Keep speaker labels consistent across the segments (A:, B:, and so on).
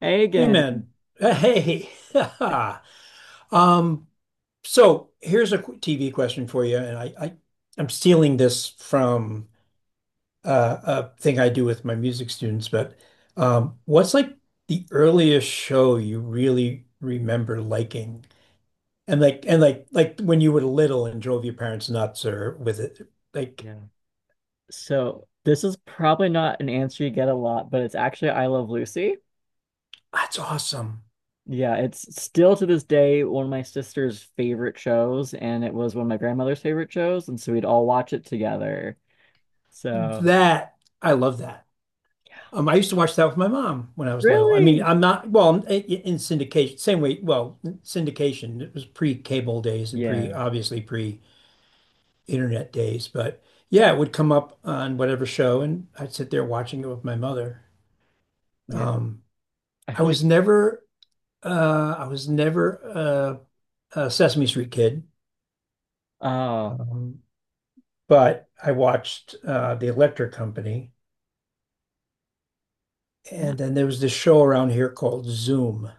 A: Hey
B: Hey
A: again.
B: man. Hey. Um, so here's a TV question for you, and I'm stealing this from a thing I do with my music students, but what's the earliest show you really remember liking? And like when you were little and drove your parents nuts or with it like
A: Yeah. So this is probably not an answer you get a lot, but it's actually I Love Lucy.
B: that's awesome.
A: Yeah, it's still to this day one of my sister's favorite shows, and it was one of my grandmother's favorite shows, and so we'd all watch it together. So
B: That I love that. I used to watch that with my mom when I was little. I mean,
A: really?
B: I'm not, well, in syndication, same way, well, syndication, it was pre-cable days and pre,
A: Yeah,
B: obviously pre-internet days, but yeah, it would come up on whatever show and I'd sit there watching it with my mother.
A: yeah.
B: Um,
A: I
B: I
A: feel
B: was
A: like
B: never, I was never a Sesame Street kid,
A: oh,
B: um, but I watched The Electric Company.
A: yeah.
B: And then there was this show around here called Zoom.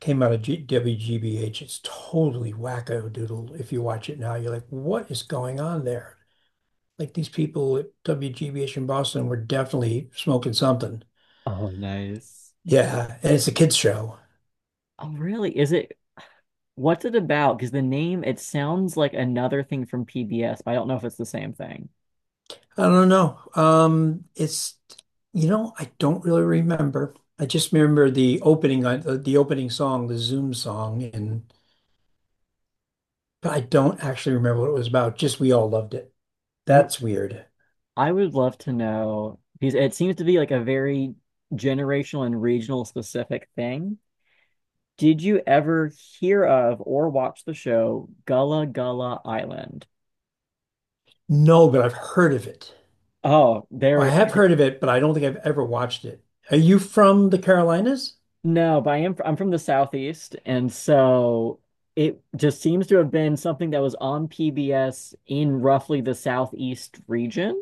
B: Came out of G WGBH. It's totally wacko doodle. If you watch it now, you're like, what is going on there? Like these people at WGBH in Boston were definitely smoking something.
A: Oh, nice.
B: Yeah, and it's a kids show.
A: Oh, really? Is it what's it about? Because the name it sounds like another thing from PBS, but I don't know if it's the same thing.
B: I don't know. It's You know, I don't really remember. I just remember the opening on the opening song, the Zoom song, and but I don't actually remember what it was about. Just we all loved it.
A: You.
B: That's weird.
A: I would love to know because it seems to be like a very generational and regional specific thing. Did you ever hear of or watch the show Gullah Gullah Island?
B: No, but I've heard of it.
A: Oh,
B: I
A: there.
B: have heard of it, but I don't think I've ever watched it. Are you from the Carolinas?
A: No, but I am. I'm from the Southeast, and so it just seems to have been something that was on PBS in roughly the Southeast region.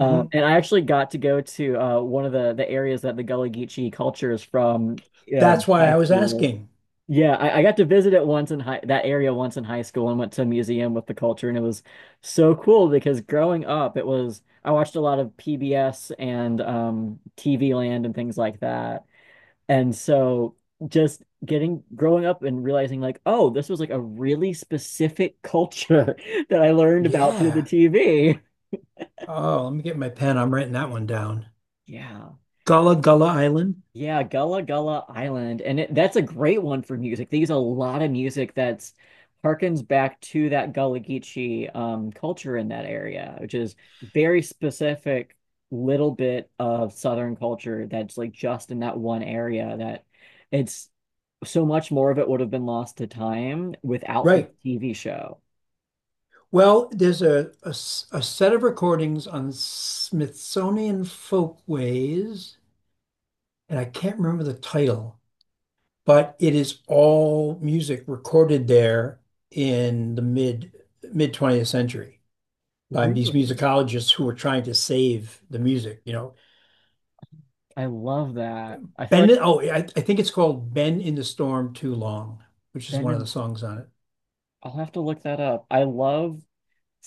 A: And I actually got to go to one of the areas that the Gullah Geechee culture is from uh,
B: That's why
A: high
B: I was
A: school.
B: asking.
A: Yeah, I got to visit it once in high that area once in high school and went to a museum with the culture, and it was so cool because growing up it was I watched a lot of PBS and TV Land and things like that. And so just getting growing up and realizing like, oh, this was like a really specific culture that I learned about through the
B: Yeah.
A: TV.
B: Oh, let me get my pen. I'm writing that one down.
A: Yeah.
B: Gullah Gullah Island.
A: Yeah, Gullah Gullah Island. And it, that's a great one for music. They use a lot of music that's harkens back to that Gullah Geechee culture in that area, which is very specific little bit of Southern culture that's like just in that one area that it's so much more of it would have been lost to time without the
B: Right.
A: TV show.
B: Well, there's a a set of recordings on Smithsonian Folkways, and I can't remember the title, but it is all music recorded there in the mid 20th century, by these
A: Really?
B: musicologists who were trying to save the music, you know.
A: I love that. I feel
B: Ben,
A: like
B: oh, I think it's called Been in the Storm Too Long, which is
A: Ben
B: one of the
A: and
B: songs on it.
A: I'll have to look that up. I love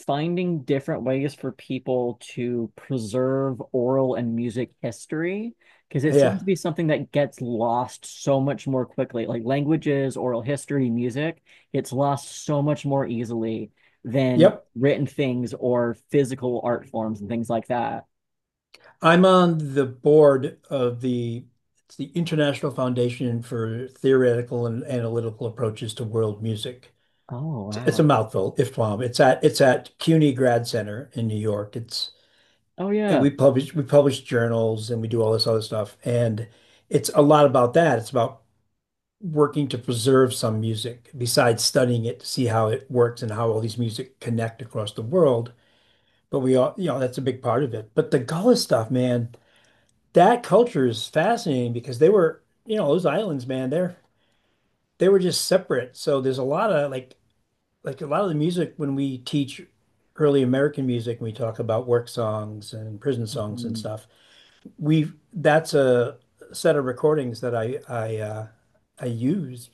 A: finding different ways for people to preserve oral and music history because it seems
B: Yeah.
A: to be something that gets lost so much more quickly. Like languages, oral history, music gets lost so much more easily than
B: Yep.
A: written things or physical art forms and things like that.
B: I'm on the board of the it's the International Foundation for Theoretical and Analytical Approaches to World Music.
A: Oh,
B: It's a
A: wow.
B: mouthful, IFTWAM. It's at CUNY Grad Center in New York. It's
A: Oh,
B: and
A: yeah.
B: we publish journals and we do all this other stuff. And it's a lot about that. It's about working to preserve some music besides studying it to see how it works and how all these music connect across the world. But we all, you know, that's a big part of it. But the Gullah stuff, man, that culture is fascinating because they were, you know, those islands, man, they're they were just separate. So there's a lot of like a lot of the music when we teach early American music, when we talk about work songs and prison songs and
A: Mhm.
B: stuff, we that's a set of recordings that I I used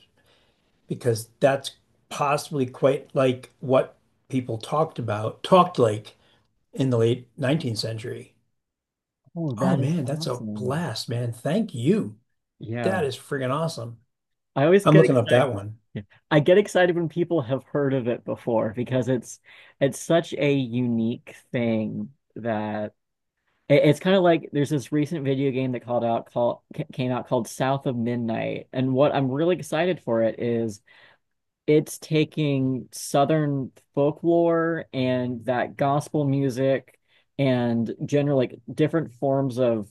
B: because that's possibly quite like what talked like in the late 19th century.
A: Oh,
B: Oh
A: that is
B: man, that's a
A: awesome.
B: blast, man. Thank you. That
A: Yeah.
B: is friggin' awesome.
A: I always
B: I'm
A: get
B: looking up
A: excited.
B: that one.
A: Yeah. I get excited when people have heard of it before because it's such a unique thing that it- it's kind of like there's this recent video game that called out called ca- came out called South of Midnight, and what I'm really excited for it is it's taking Southern folklore and that gospel music and general like different forms of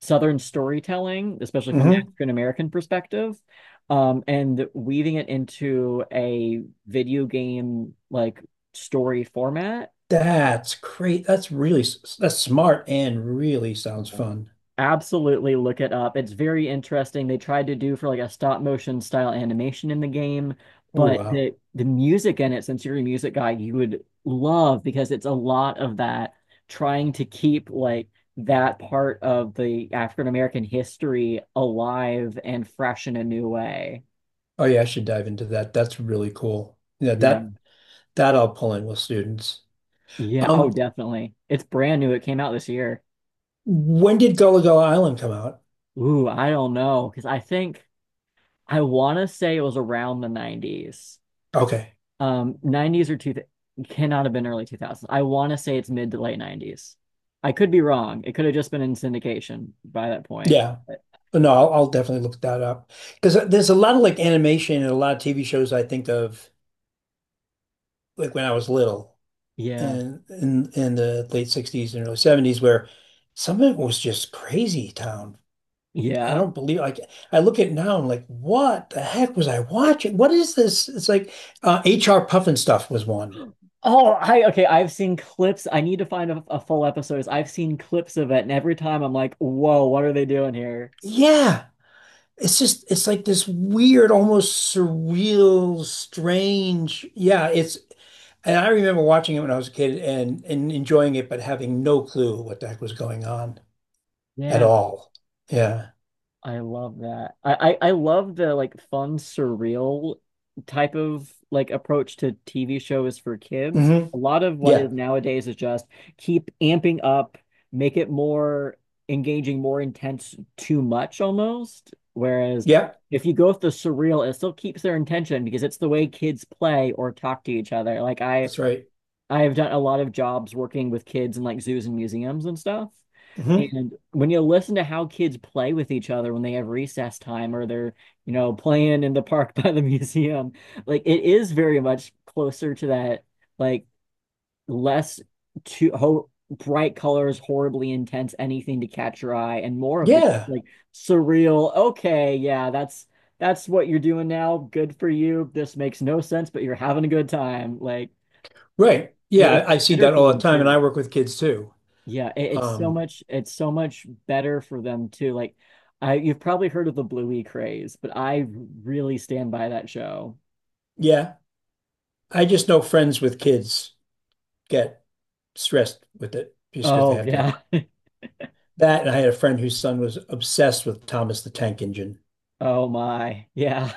A: Southern storytelling, especially from the
B: Mm-hmm.
A: African American perspective, and weaving it into a video game like story format.
B: That's great. That's really that's smart and really sounds
A: Yeah.
B: fun.
A: Absolutely look it up. It's very interesting. They tried to do for like a stop motion style animation in the game,
B: Oh
A: but
B: wow.
A: the music in it, since you're a music guy, you would love because it's a lot of that trying to keep like that part of the African American history alive and fresh in a new way.
B: Oh yeah, I should dive into that. That's really cool. Yeah,
A: Yeah.
B: that I'll pull in with students.
A: Yeah. Oh,
B: Um,
A: definitely. It's brand new. It came out this year.
B: when did Gullah Gullah Island come out?
A: Ooh, I don't know. Because I think I want to say it was around the 90s.
B: Okay.
A: 90s or two cannot have been early 2000s. I want to say it's mid to late 90s. I could be wrong. It could have just been in syndication by that point.
B: Yeah.
A: But
B: But no, I'll definitely look that up because there's a lot of like animation and a lot of TV shows I think of like when I was little
A: yeah.
B: and in the late 60s and early 70s where some of it was just crazy town. I
A: Yeah.
B: don't believe like I look at it now and I'm like, what the heck was I watching? What is this? It's like H.R. Puffin stuff was one.
A: Oh, I okay. I've seen clips. I need to find a full episode. I've seen clips of it, and every time I'm like, whoa, what are they doing here?
B: Yeah. It's just it's like this weird, almost surreal, strange. Yeah, it's and I remember watching it when I was a kid and enjoying it, but having no clue what the heck was going on at
A: Yeah.
B: all. Yeah.
A: I love that. I love the like fun, surreal type of like approach to TV shows for kids.
B: Hmm.
A: A lot of what is
B: Yeah.
A: nowadays is just keep amping up, make it more engaging, more intense, too much almost. Whereas
B: Yeah.
A: if you go with the surreal, it still keeps their intention because it's the way kids play or talk to each other. Like I
B: That's right.
A: I have done a lot of jobs working with kids in like zoos and museums and stuff.
B: Hmm.
A: And when you listen to how kids play with each other when they have recess time or they're, you know, playing in the park by the museum, like it is very much closer to that, like less too ho bright colors, horribly intense, anything to catch your eye, and more of the
B: Yeah.
A: like surreal, okay, yeah, that's what you're doing now. Good for you. This makes no sense, but you're having a good time. Like
B: Right.
A: it-
B: Yeah.
A: It's
B: I see
A: better
B: that
A: for
B: all the
A: them
B: time. And I
A: too.
B: work with kids too.
A: Yeah, it, it's so
B: Um,
A: much it's so much better for them too. Like I you've probably heard of the Bluey craze, but I really stand by that show.
B: yeah. I just know friends with kids get stressed with it just because they
A: Oh
B: have to.
A: yeah.
B: That. And I had a friend whose son was obsessed with Thomas the Tank Engine.
A: Oh my. Yeah.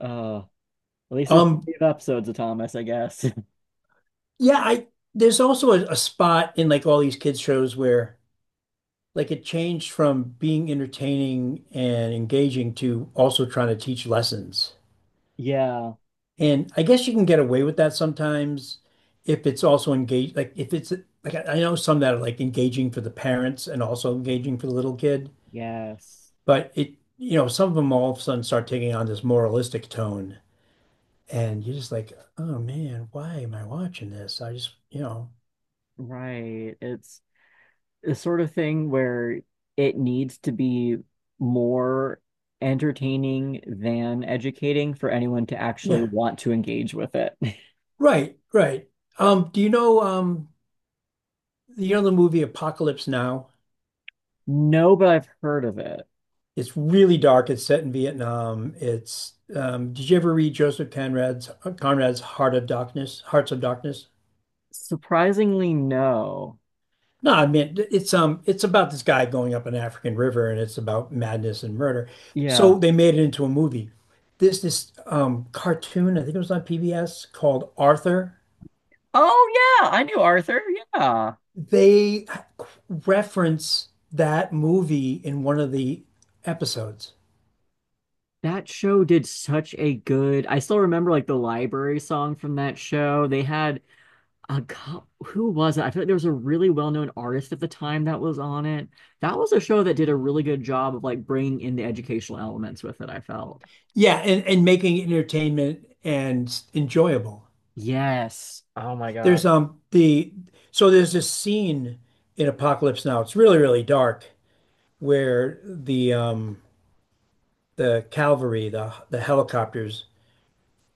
A: Uh at least there's
B: Um,
A: plenty of episodes of Thomas, I guess.
B: yeah. I, there's also a spot in like all these kids shows where like it changed from being entertaining and engaging to also trying to teach lessons.
A: Yeah.
B: And I guess you can get away with that sometimes if it's also engaged, like if it's like I know some that are like engaging for the parents and also engaging for the little kid,
A: Yes.
B: but it, you know, some of them all of a sudden start taking on this moralistic tone. And you're just like, oh man, why am I watching this? I just, you know,
A: Right. It's the sort of thing where it needs to be more entertaining than educating for anyone to actually
B: yeah,
A: want to engage with it.
B: right, right. Um, do you know, um, you know the movie Apocalypse Now?
A: No, but I've heard of it.
B: It's really dark. It's set in Vietnam. It's did you ever read Joseph Conrad's Heart of Darkness, Hearts of Darkness?
A: Surprisingly, no.
B: No, I mean it's about this guy going up an African river and it's about madness and murder. So
A: Yeah.
B: they made it into a movie. This cartoon, I think it was on PBS called Arthur.
A: Oh, yeah. I knew Arthur. Yeah.
B: They reference that movie in one of the episodes.
A: That show did such a good. I still remember like the library song from that show. They had a co- who was it? I feel like there was a really well-known artist at the time that was on it. That was a show that did a really good job of like bringing in the educational elements with it, I felt.
B: Yeah, and making it entertainment and enjoyable.
A: Yes. Oh my God.
B: There's the so There's this scene in Apocalypse Now. It's really, really dark where the cavalry, the helicopters,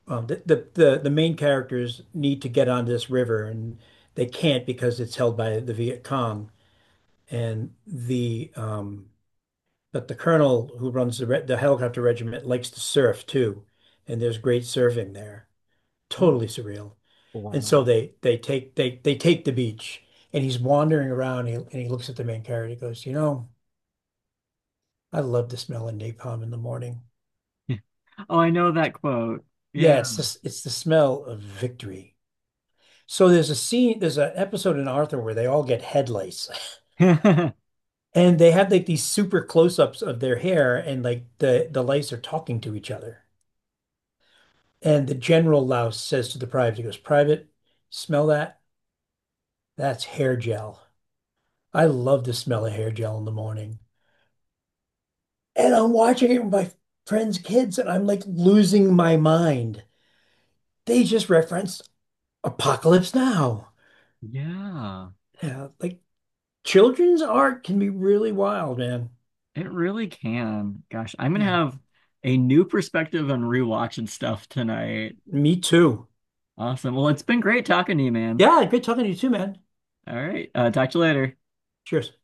B: the main characters need to get onto this river and they can't because it's held by the Viet Cong. And the colonel who runs the helicopter regiment likes to surf too, and there's great surfing there.
A: Ooh,
B: Totally surreal. And so
A: wow.
B: they take the beach, and he's wandering around. And he looks at the main character. He goes, "You know, I love the smell of napalm in the morning.
A: Oh, I know that quote. Yeah.
B: Yeah, it's this it's the smell of victory." So there's a scene, there's an episode in Arthur where they all get head lice, and they have like these super close-ups of their hair, and like the lice are talking to each other. And the general louse says to the private, he goes, "Private, smell that? That's hair gel. I love the smell of hair gel in the morning." And I'm watching it with my friends' kids, and I'm like losing my mind. They just referenced Apocalypse Now.
A: Yeah.
B: Yeah, like children's art can be really wild, man.
A: It really can. Gosh, I'm
B: You
A: gonna
B: know,
A: have a new perspective on rewatching stuff tonight.
B: me too.
A: Awesome. Well, it's been great talking to you, man.
B: Yeah, great talking to you too, man.
A: All right. Talk to you later.
B: Cheers.